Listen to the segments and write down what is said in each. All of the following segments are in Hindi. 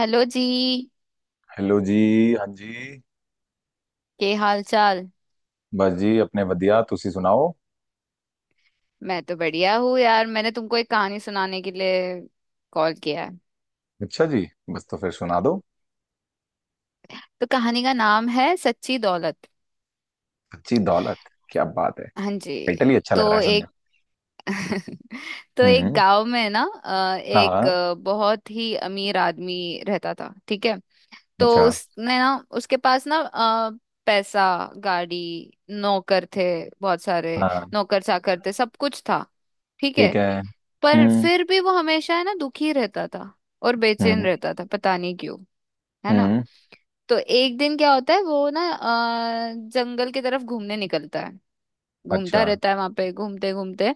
हेलो जी। हेलो जी। हाँ जी। के हाल चाल। बस जी अपने वधिया तुसी सुनाओ। मैं तो बढ़िया हूँ यार मैंने तुमको एक कहानी सुनाने के लिए कॉल किया है। अच्छा जी। बस तो फिर सुना दो। तो कहानी का नाम है सच्ची दौलत। अच्छी दौलत। क्या बात है। हाँ जी। टाइटल ही अच्छा लग रहा तो है सुनने एक तो में। हम्म। एक गांव में ना हाँ एक हाँ, बहुत ही अमीर आदमी रहता था। ठीक है। तो अच्छा। उसने ना उसके पास ना पैसा गाड़ी नौकर थे बहुत सारे हाँ नौकर चाकर थे सब कुछ था। ठीक है। ठीक है। पर हम्म फिर भी वो हमेशा है ना दुखी रहता था और बेचैन हम्म। रहता था पता नहीं क्यों है ना। हम्म। तो एक दिन क्या होता है वो ना जंगल की तरफ घूमने निकलता है। अच्छा। घूमता रहता है वहां पे घूमते घूमते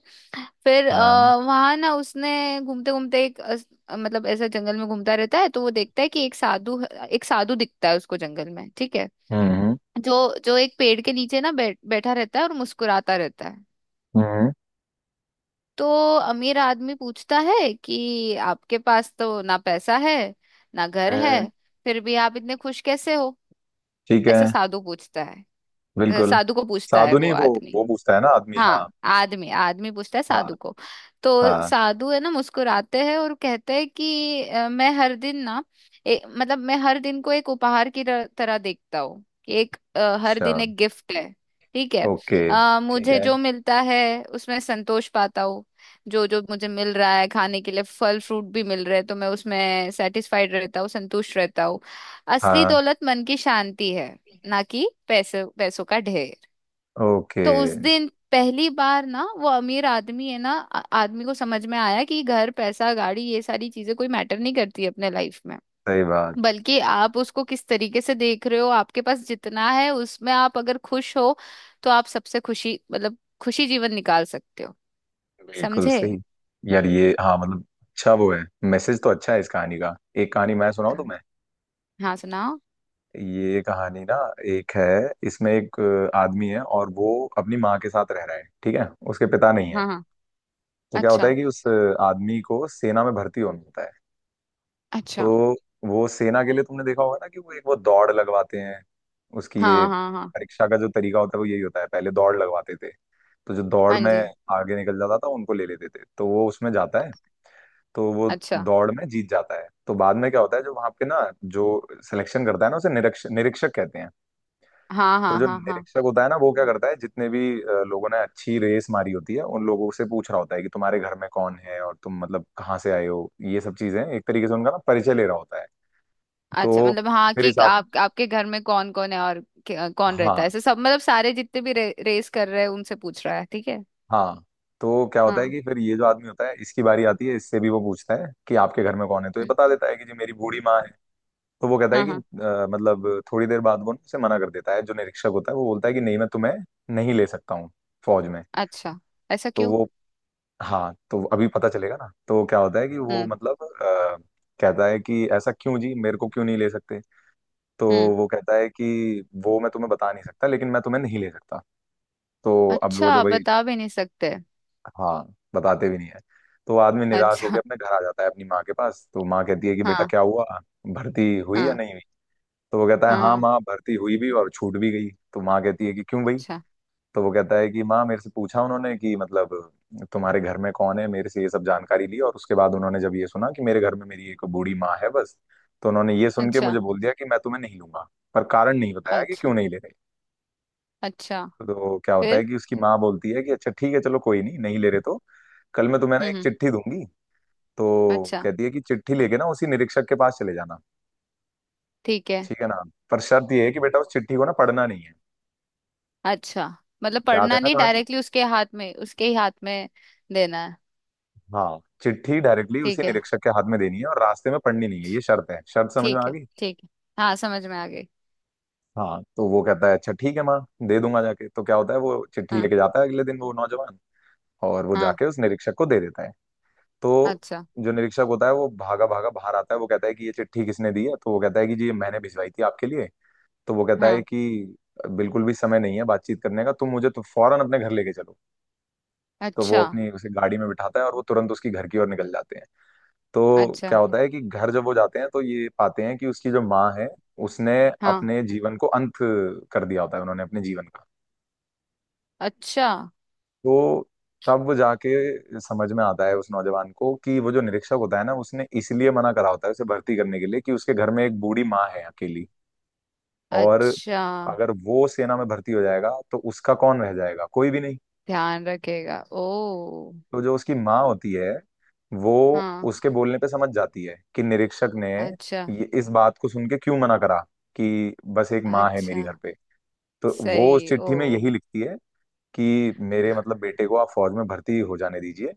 फिर हाँ। वहां ना उसने घूमते घूमते मतलब ऐसा जंगल में घूमता रहता है तो वो देखता है कि एक साधु दिखता है उसको जंगल में। ठीक है। हम्म। हम्म। जो जो एक पेड़ के नीचे ना बैठा रहता है और मुस्कुराता रहता है। हम्म। तो अमीर आदमी पूछता है कि आपके पास तो ना पैसा है ना घर है हम्म, फिर भी आप इतने खुश कैसे हो। ठीक है। ऐसा साधु पूछता है। बिल्कुल। साधु को पूछता है साधु वो नहीं, वो आदमी। वो पूछता है ना आदमी। हाँ। हाँ आदमी आदमी पूछता है हाँ साधु को। तो हाँ। साधु है ना मुस्कुराते हैं और कहते हैं कि मैं हर दिन ना मतलब मैं हर दिन को एक उपहार की तरह देखता हूँ कि हर अच्छा। दिन एक गिफ्ट है। ठीक है। ओके। ठीक मुझे है। जो मिलता है उसमें संतोष पाता हूँ। जो जो मुझे मिल रहा है खाने के लिए फल फ्रूट भी मिल रहे हैं तो मैं उसमें सेटिस्फाइड रहता हूँ संतुष्ट रहता हूँ। असली हाँ। दौलत मन की शांति है ना कि पैसे पैसों का ढेर। ओके। तो उस दिन पहली बार ना वो अमीर आदमी है ना आदमी को समझ में आया कि घर पैसा गाड़ी ये सारी चीजें कोई मैटर नहीं करती अपने लाइफ में। सही बात। बल्कि आप उसको किस तरीके से देख रहे हो आपके पास जितना है उसमें आप अगर खुश हो तो आप सबसे खुशी मतलब खुशी जीवन निकाल सकते हो। बिल्कुल समझे? सही। यार ये हाँ मतलब। अच्छा वो है। मैसेज तो अच्छा है इस कहानी का। एक कहानी मैं सुनाऊं हाँ तुम्हें। हाँ, सुनाओ। ये कहानी ना एक है। इसमें एक आदमी है और वो अपनी माँ के साथ रह रहा है। ठीक है, उसके पिता नहीं है। हाँ हाँ। तो क्या होता अच्छा। है कि उस आदमी को सेना में भर्ती होना होता है। अच्छा। तो वो सेना के लिए तुमने देखा होगा ना कि वो एक वो दौड़ लगवाते हैं। उसकी ये हाँ हाँ हाँ। परीक्षा का जो तरीका होता है वो यही होता है, पहले दौड़ लगवाते थे। तो जो दौड़ हाँ में जी। आगे निकल जाता था उनको ले लेते थे, तो वो उसमें जाता है। तो वो अच्छा। दौड़ में जीत जाता है, तो बाद में क्या होता है, जो वहां पे ना जो सिलेक्शन करता है ना उसे निरीक्षक निरीक्षक कहते हैं। हाँ तो हाँ जो हाँ हाँ। निरीक्षक होता है ना वो क्या करता है, जितने भी लोगों ने अच्छी रेस मारी होती है उन लोगों से पूछ रहा होता है कि तुम्हारे घर में कौन है और तुम मतलब कहाँ से आए हो, ये सब चीजें एक तरीके से उनका ना परिचय ले रहा होता है। अच्छा तो मतलब हाँ फिर कि इस आद आप आपके घर में कौन कौन है और कौन रहता हाँ है ऐसे सब मतलब सारे जितने भी रेस कर रहे हैं उनसे पूछ रहा है। ठीक है। हाँ। तो क्या होता है हाँ। कि फिर ये जो आदमी होता है इसकी बारी आती है, इससे भी वो पूछता है कि आपके घर में कौन है, तो ये हम्म। बता देता है कि जी मेरी बूढ़ी माँ है। तो वो कहता है हाँ कि हाँ। मतलब, थोड़ी देर बाद वो ना उसे मना कर देता है। जो निरीक्षक होता है वो बोलता है कि नहीं, मैं तुम्हें नहीं ले सकता हूँ फौज में। अच्छा। ऐसा तो क्यों? वो हाँ। तो अभी पता चलेगा ना। तो क्या होता है कि वो हम्म मतलब कहता है कि ऐसा क्यों जी, मेरे को क्यों नहीं ले सकते। तो हम्म। वो कहता है कि वो मैं तुम्हें बता नहीं सकता, लेकिन मैं तुम्हें नहीं ले सकता। तो अब वो जो अच्छा भाई। बता भी नहीं सकते। हाँ, बताते भी नहीं है। तो वो आदमी निराश होकर अच्छा। अपने घर आ जाता है अपनी माँ के पास, तो माँ कहती है कि बेटा हाँ क्या हुआ, भर्ती हुई या हाँ नहीं। तो वो कहता है हाँ हाँ हाँ। माँ, भर्ती हुई भी और छूट भी गई। तो माँ कहती है कि क्यों भाई। अच्छा। तो वो कहता है कि माँ मेरे से पूछा उन्होंने कि मतलब तुम्हारे घर में कौन है, मेरे से ये सब जानकारी ली और उसके बाद उन्होंने जब ये सुना कि मेरे घर में मेरी एक बूढ़ी माँ है बस, तो उन्होंने ये सुन के अच्छा। मुझे बोल दिया कि मैं तुम्हें नहीं लूंगा। पर कारण नहीं बताया कि क्यों अच्छा। नहीं ले रहे। अच्छा। तो क्या होता फिर? है कि उसकी माँ बोलती है कि अच्छा ठीक है चलो, कोई नहीं, नहीं ले रहे तो कल मैं तुम्हें ना एक हम्म। चिट्ठी दूंगी। तो अच्छा। कहती है कि चिट्ठी लेके ना उसी निरीक्षक के पास चले जाना। ठीक है। ठीक है ना। पर शर्त ये है कि बेटा उस चिट्ठी को ना पढ़ना नहीं है। अच्छा मतलब याद है पढ़ना ना नहीं कहानी। डायरेक्टली उसके हाथ में उसके ही हाथ में देना है। हाँ, चिट्ठी डायरेक्टली उसी ठीक है निरीक्षक के हाथ में देनी है और रास्ते में पढ़नी नहीं है, ये शर्त है, शर्त समझ में ठीक आ है गई। ठीक है। हाँ समझ में आ गई। हाँ तो वो कहता है अच्छा ठीक है माँ, दे दूंगा जाके। तो क्या होता है, वो चिट्ठी हाँ लेके जाता है अगले दिन, वो नौजवान, और वो हाँ। जाके उस निरीक्षक को दे देता है। तो अच्छा। जो निरीक्षक होता है वो भागा भागा बाहर आता है, वो कहता है कि ये चिट्ठी किसने दी है, तो वो कहता है कि जी ये मैंने भिजवाई थी आपके लिए। तो वो कहता है हाँ। कि बिल्कुल भी समय नहीं है बातचीत करने का, तुम मुझे तो फौरन अपने घर लेके चलो। तो वो अच्छा अपनी उसे गाड़ी में बिठाता है और वो तुरंत उसकी घर की ओर निकल जाते हैं। तो अच्छा। क्या होता है कि घर जब वो जाते हैं तो ये पाते हैं कि उसकी जो माँ है उसने हाँ। अपने जीवन को अंत कर दिया होता है, उन्होंने अपने जीवन का। अच्छा। तो तब वो जाके समझ में आता है उस नौजवान को कि वो जो निरीक्षक होता है ना उसने इसलिए मना करा होता है उसे भर्ती करने के लिए कि उसके घर में एक बूढ़ी माँ है अकेली। और अच्छा। अगर वो सेना में भर्ती हो जाएगा तो उसका कौन रह जाएगा, कोई भी नहीं। ध्यान रखेगा ओ। तो जो उसकी माँ होती है वो हाँ। उसके बोलने पे समझ जाती है कि निरीक्षक ने अच्छा। ये इस बात को सुन के क्यों मना करा, कि बस एक माँ है अच्छा। मेरी घर पे। तो वो उस सही चिट्ठी ओ। में यही लिखती है कि मेरे मतलब बेटे को आप फौज में भर्ती हो जाने दीजिए।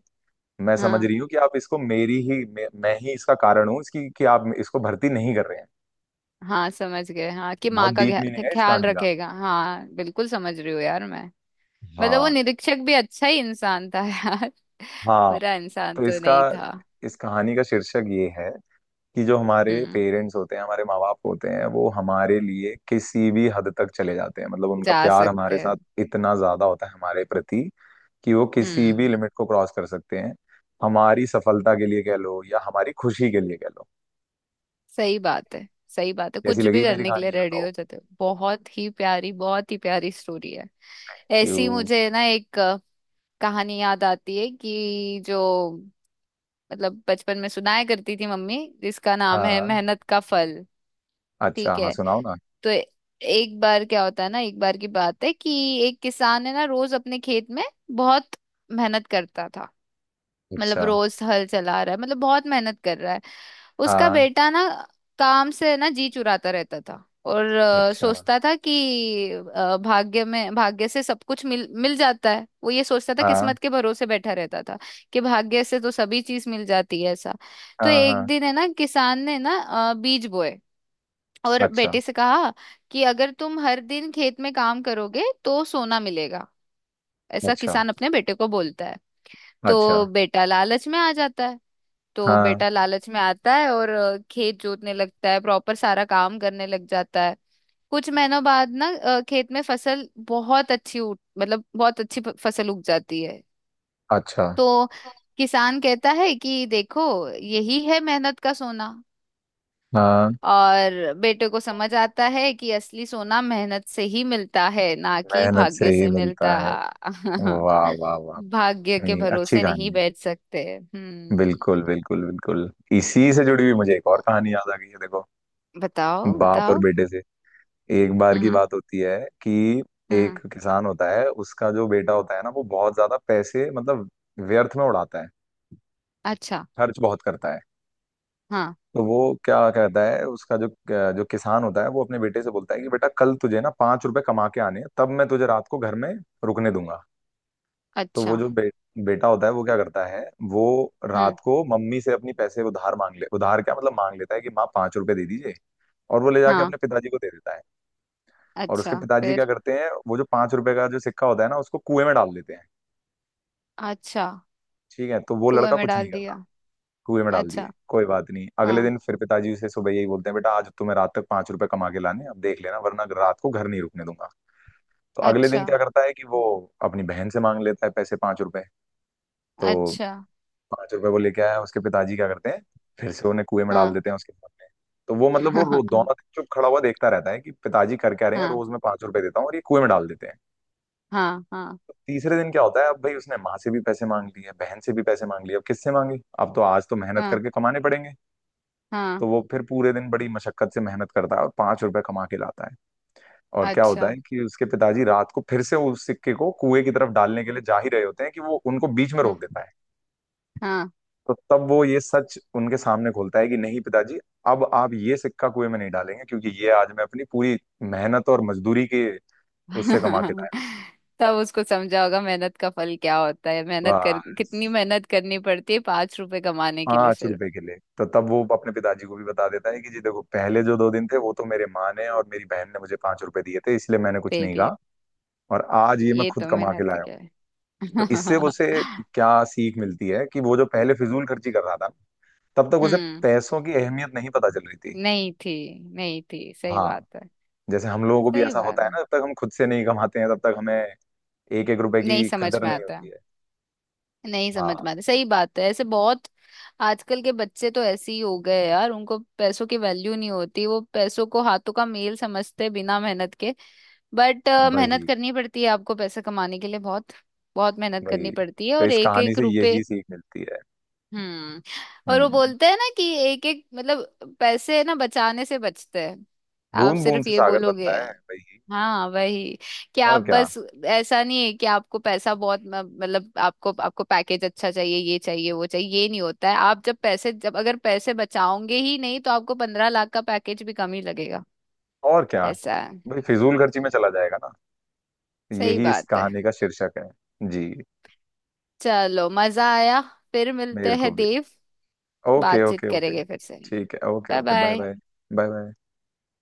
मैं समझ हाँ। रही हूँ कि आप इसको मेरी ही मैं ही इसका कारण हूँ इसकी कि आप इसको भर्ती नहीं कर रहे हैं। हाँ समझ गए हाँ कि बहुत माँ का डीप मीनिंग है इस ख्याल कहानी का। रखेगा हाँ बिल्कुल समझ रही हूँ यार मैं। मतलब वो हाँ। निरीक्षक भी अच्छा ही इंसान था यार हाँ। बुरा इंसान तो तो इसका नहीं था। इस कहानी का शीर्षक ये है कि जो हमारे हम्म। पेरेंट्स होते हैं, हमारे माँ बाप होते हैं, वो हमारे लिए किसी भी हद तक चले जाते हैं, मतलब उनका जा प्यार सकते हमारे हैं। साथ इतना ज्यादा होता है हमारे प्रति कि वो किसी भी हम्म। लिमिट को क्रॉस कर सकते हैं, हमारी सफलता के लिए कह लो या हमारी खुशी के लिए कह लो। सही बात है। सही बात है कैसी कुछ भी लगी मेरी करने के कहानी, लिए ये रेडी बताओ। हो जाते हो बहुत ही प्यारी स्टोरी है। ऐसी क्यों। मुझे ना एक कहानी याद आती है कि जो मतलब बचपन में सुनाया करती थी मम्मी जिसका नाम है हाँ। मेहनत का फल। अच्छा ठीक हाँ, है। सुनाओ ना। तो एक बार क्या होता है ना एक बार की बात है कि एक किसान है ना रोज अपने खेत में बहुत मेहनत करता था। मतलब अच्छा। रोज हल चला रहा है मतलब बहुत मेहनत कर रहा है। उसका हाँ। बेटा ना काम से ना जी चुराता रहता था और अच्छा। सोचता था कि भाग्य से सब कुछ मिल मिल जाता है वो ये सोचता था हाँ किस्मत के भरोसे बैठा रहता था कि भाग्य से तो सभी चीज मिल जाती है ऐसा। तो हाँ एक हाँ। दिन है ना किसान ने ना बीज बोए और अच्छा। बेटे से कहा कि अगर तुम हर दिन खेत में काम करोगे तो सोना मिलेगा। ऐसा अच्छा। किसान अपने बेटे को बोलता है। अच्छा। तो बेटा लालच में आ जाता है। तो हाँ। बेटा लालच में आता है और खेत जोतने लगता है प्रॉपर सारा काम करने लग जाता है। कुछ महीनों बाद ना खेत में फसल बहुत अच्छी उठ मतलब बहुत अच्छी फसल उग जाती है। अच्छा। तो किसान कहता है कि देखो यही है मेहनत का सोना। हाँ, और बेटे को समझ आता है कि असली सोना मेहनत से ही मिलता है ना कि मेहनत से भाग्य ही से मिलता मिलता। है। वाह। वाह वाह भाग्य वाह के नहीं, अच्छी भरोसे नहीं कहानी है। बैठ सकते। बिल्कुल हम्म। बिल्कुल बिल्कुल। इसी से जुड़ी हुई मुझे एक और कहानी याद आ गई है, देखो। बताओ बाप और बताओ। बेटे से, एक बार की हम्म बात होती है कि एक हम्म। किसान होता है, उसका जो बेटा होता है ना वो बहुत ज्यादा पैसे मतलब व्यर्थ में उड़ाता है, अच्छा। खर्च बहुत करता है। हाँ। तो वो क्या कहता है, उसका जो जो किसान होता है वो अपने बेटे से बोलता है कि बेटा कल तुझे ना 5 रुपए कमा के आने हैं, तब मैं तुझे रात को घर में रुकने दूंगा। तो वो अच्छा। जो बेटा होता है, वो क्या करता है, वो हम्म। रात को मम्मी से अपनी पैसे उधार मांग ले उधार क्या मतलब मांग लेता है कि माँ 5 रुपए दे दीजिए। और वो ले जाके हाँ। अपने पिताजी को दे देता है। और उसके अच्छा पिताजी क्या फिर? करते हैं, वो जो 5 रुपए का जो सिक्का होता है ना उसको कुएं में डाल देते हैं। अच्छा। ठीक है, तो वो कुएं लड़का में कुछ नहीं डाल करता। दिया। कुएं में डाल दिए। अच्छा। कोई बात नहीं, अगले हाँ। दिन फिर पिताजी उसे सुबह यही बोलते हैं, बेटा आज तुम्हें रात तक 5 रुपए कमा के लाने, अब देख लेना, वरना रात को घर नहीं रुकने दूंगा। तो अगले दिन अच्छा। क्या करता है कि वो अपनी बहन से मांग लेता है पैसे 5 रुपए। तो अच्छा। 5 रुपए वो लेके आया, उसके पिताजी क्या करते हैं, फिर से उन्हें कुएं में डाल हाँ देते हैं उसके सामने। तो वो मतलब वो हाँ दोनों दिन चुप खड़ा हुआ देखता रहता है कि पिताजी कर क्या रहे हैं, हाँ। रोज मैं 5 रुपए देता हूँ और ये कुएं में डाल देते हैं। हाँ हाँ तो तीसरे दिन क्या होता है, अब भाई उसने माँ से भी पैसे मांग लिए, बहन से भी पैसे मांग लिए, अब किससे मांगे, अब तो आज तो मेहनत हाँ। करके कमाने पड़ेंगे। तो हाँ वो फिर पूरे दिन बड़ी मशक्कत से मेहनत करता है और 5 रुपए कमा के लाता है। और क्या होता अच्छा। है कि उसके पिताजी रात को फिर से उस सिक्के को कुएं की तरफ डालने के लिए जा ही रहे होते हैं कि वो उनको बीच में रोक हाँ देता है। हाँ। तो तब वो ये सच उनके सामने खोलता है कि नहीं पिताजी, अब आप ये सिक्का कुएं में नहीं डालेंगे क्योंकि ये आज मैं अपनी पूरी मेहनत और मजदूरी के उससे कमा के लाया तब उसको समझा होगा मेहनत का फल क्या होता है हूं। मेहनत कर बस कितनी मेहनत करनी पड़ती है 5 रुपए कमाने के लिए पांच सिर्फ। रुपए के लिए। तो तब वो अपने पिताजी को भी बता देता है कि जी देखो, पहले जो 2 दिन थे वो तो मेरे माँ ने और मेरी बहन ने मुझे 5 रुपए दिए थे इसलिए मैंने कुछ दे नहीं दिए। कहा। और आज ये मैं ये खुद तो कमा के मेहनत लाया हूँ। क्या है। तो इससे उसे क्या सीख मिलती है कि वो जो पहले फिजूल खर्ची कर रहा था तब तक उसे हम्म। पैसों की अहमियत नहीं पता चल रही थी। नहीं थी। नहीं थी सही हाँ। बात है। जैसे हम लोगों को भी सही ऐसा बात होता है ना, है। जब तक हम खुद से नहीं कमाते हैं तब तक हमें एक एक रुपए नहीं की समझ कदर में नहीं आता होती है। है। नहीं समझ हाँ। में आता सही बात है ऐसे बहुत। आजकल के बच्चे तो ऐसे ही हो गए यार उनको पैसों की वैल्यू नहीं होती वो पैसों को हाथों का मेल समझते बिना मेहनत के। बट मेहनत वही। करनी पड़ती है आपको पैसा कमाने के लिए बहुत बहुत मेहनत वही। करनी पड़ती है तो और इस एक कहानी एक से रुपए। यही सीख मिलती है। हम्म। और वो हम्म। बोलते हैं ना कि एक एक मतलब पैसे ना बचाने से बचते हैं। आप बूंद बूंद सिर्फ से ये सागर बोलोगे। बनता है, वही। हाँ वही कि आप और क्या। बस ऐसा नहीं है कि आपको पैसा बहुत मतलब आपको आपको पैकेज अच्छा चाहिए ये चाहिए वो चाहिए ये नहीं होता है आप जब पैसे जब अगर पैसे बचाओगे ही नहीं तो आपको 15 लाख का पैकेज भी कम ही लगेगा। और क्या। ऐसा है। भाई फिजूल खर्ची में चला जाएगा ना। सही यही इस बात है। कहानी का शीर्षक है। जी। चलो मजा आया। फिर मिलते मेरे को हैं भी। देव। ओके बातचीत ओके ओके। करेंगे फिर से। ठीक है, okay bye okay, bye bye. Bye. Bye bye.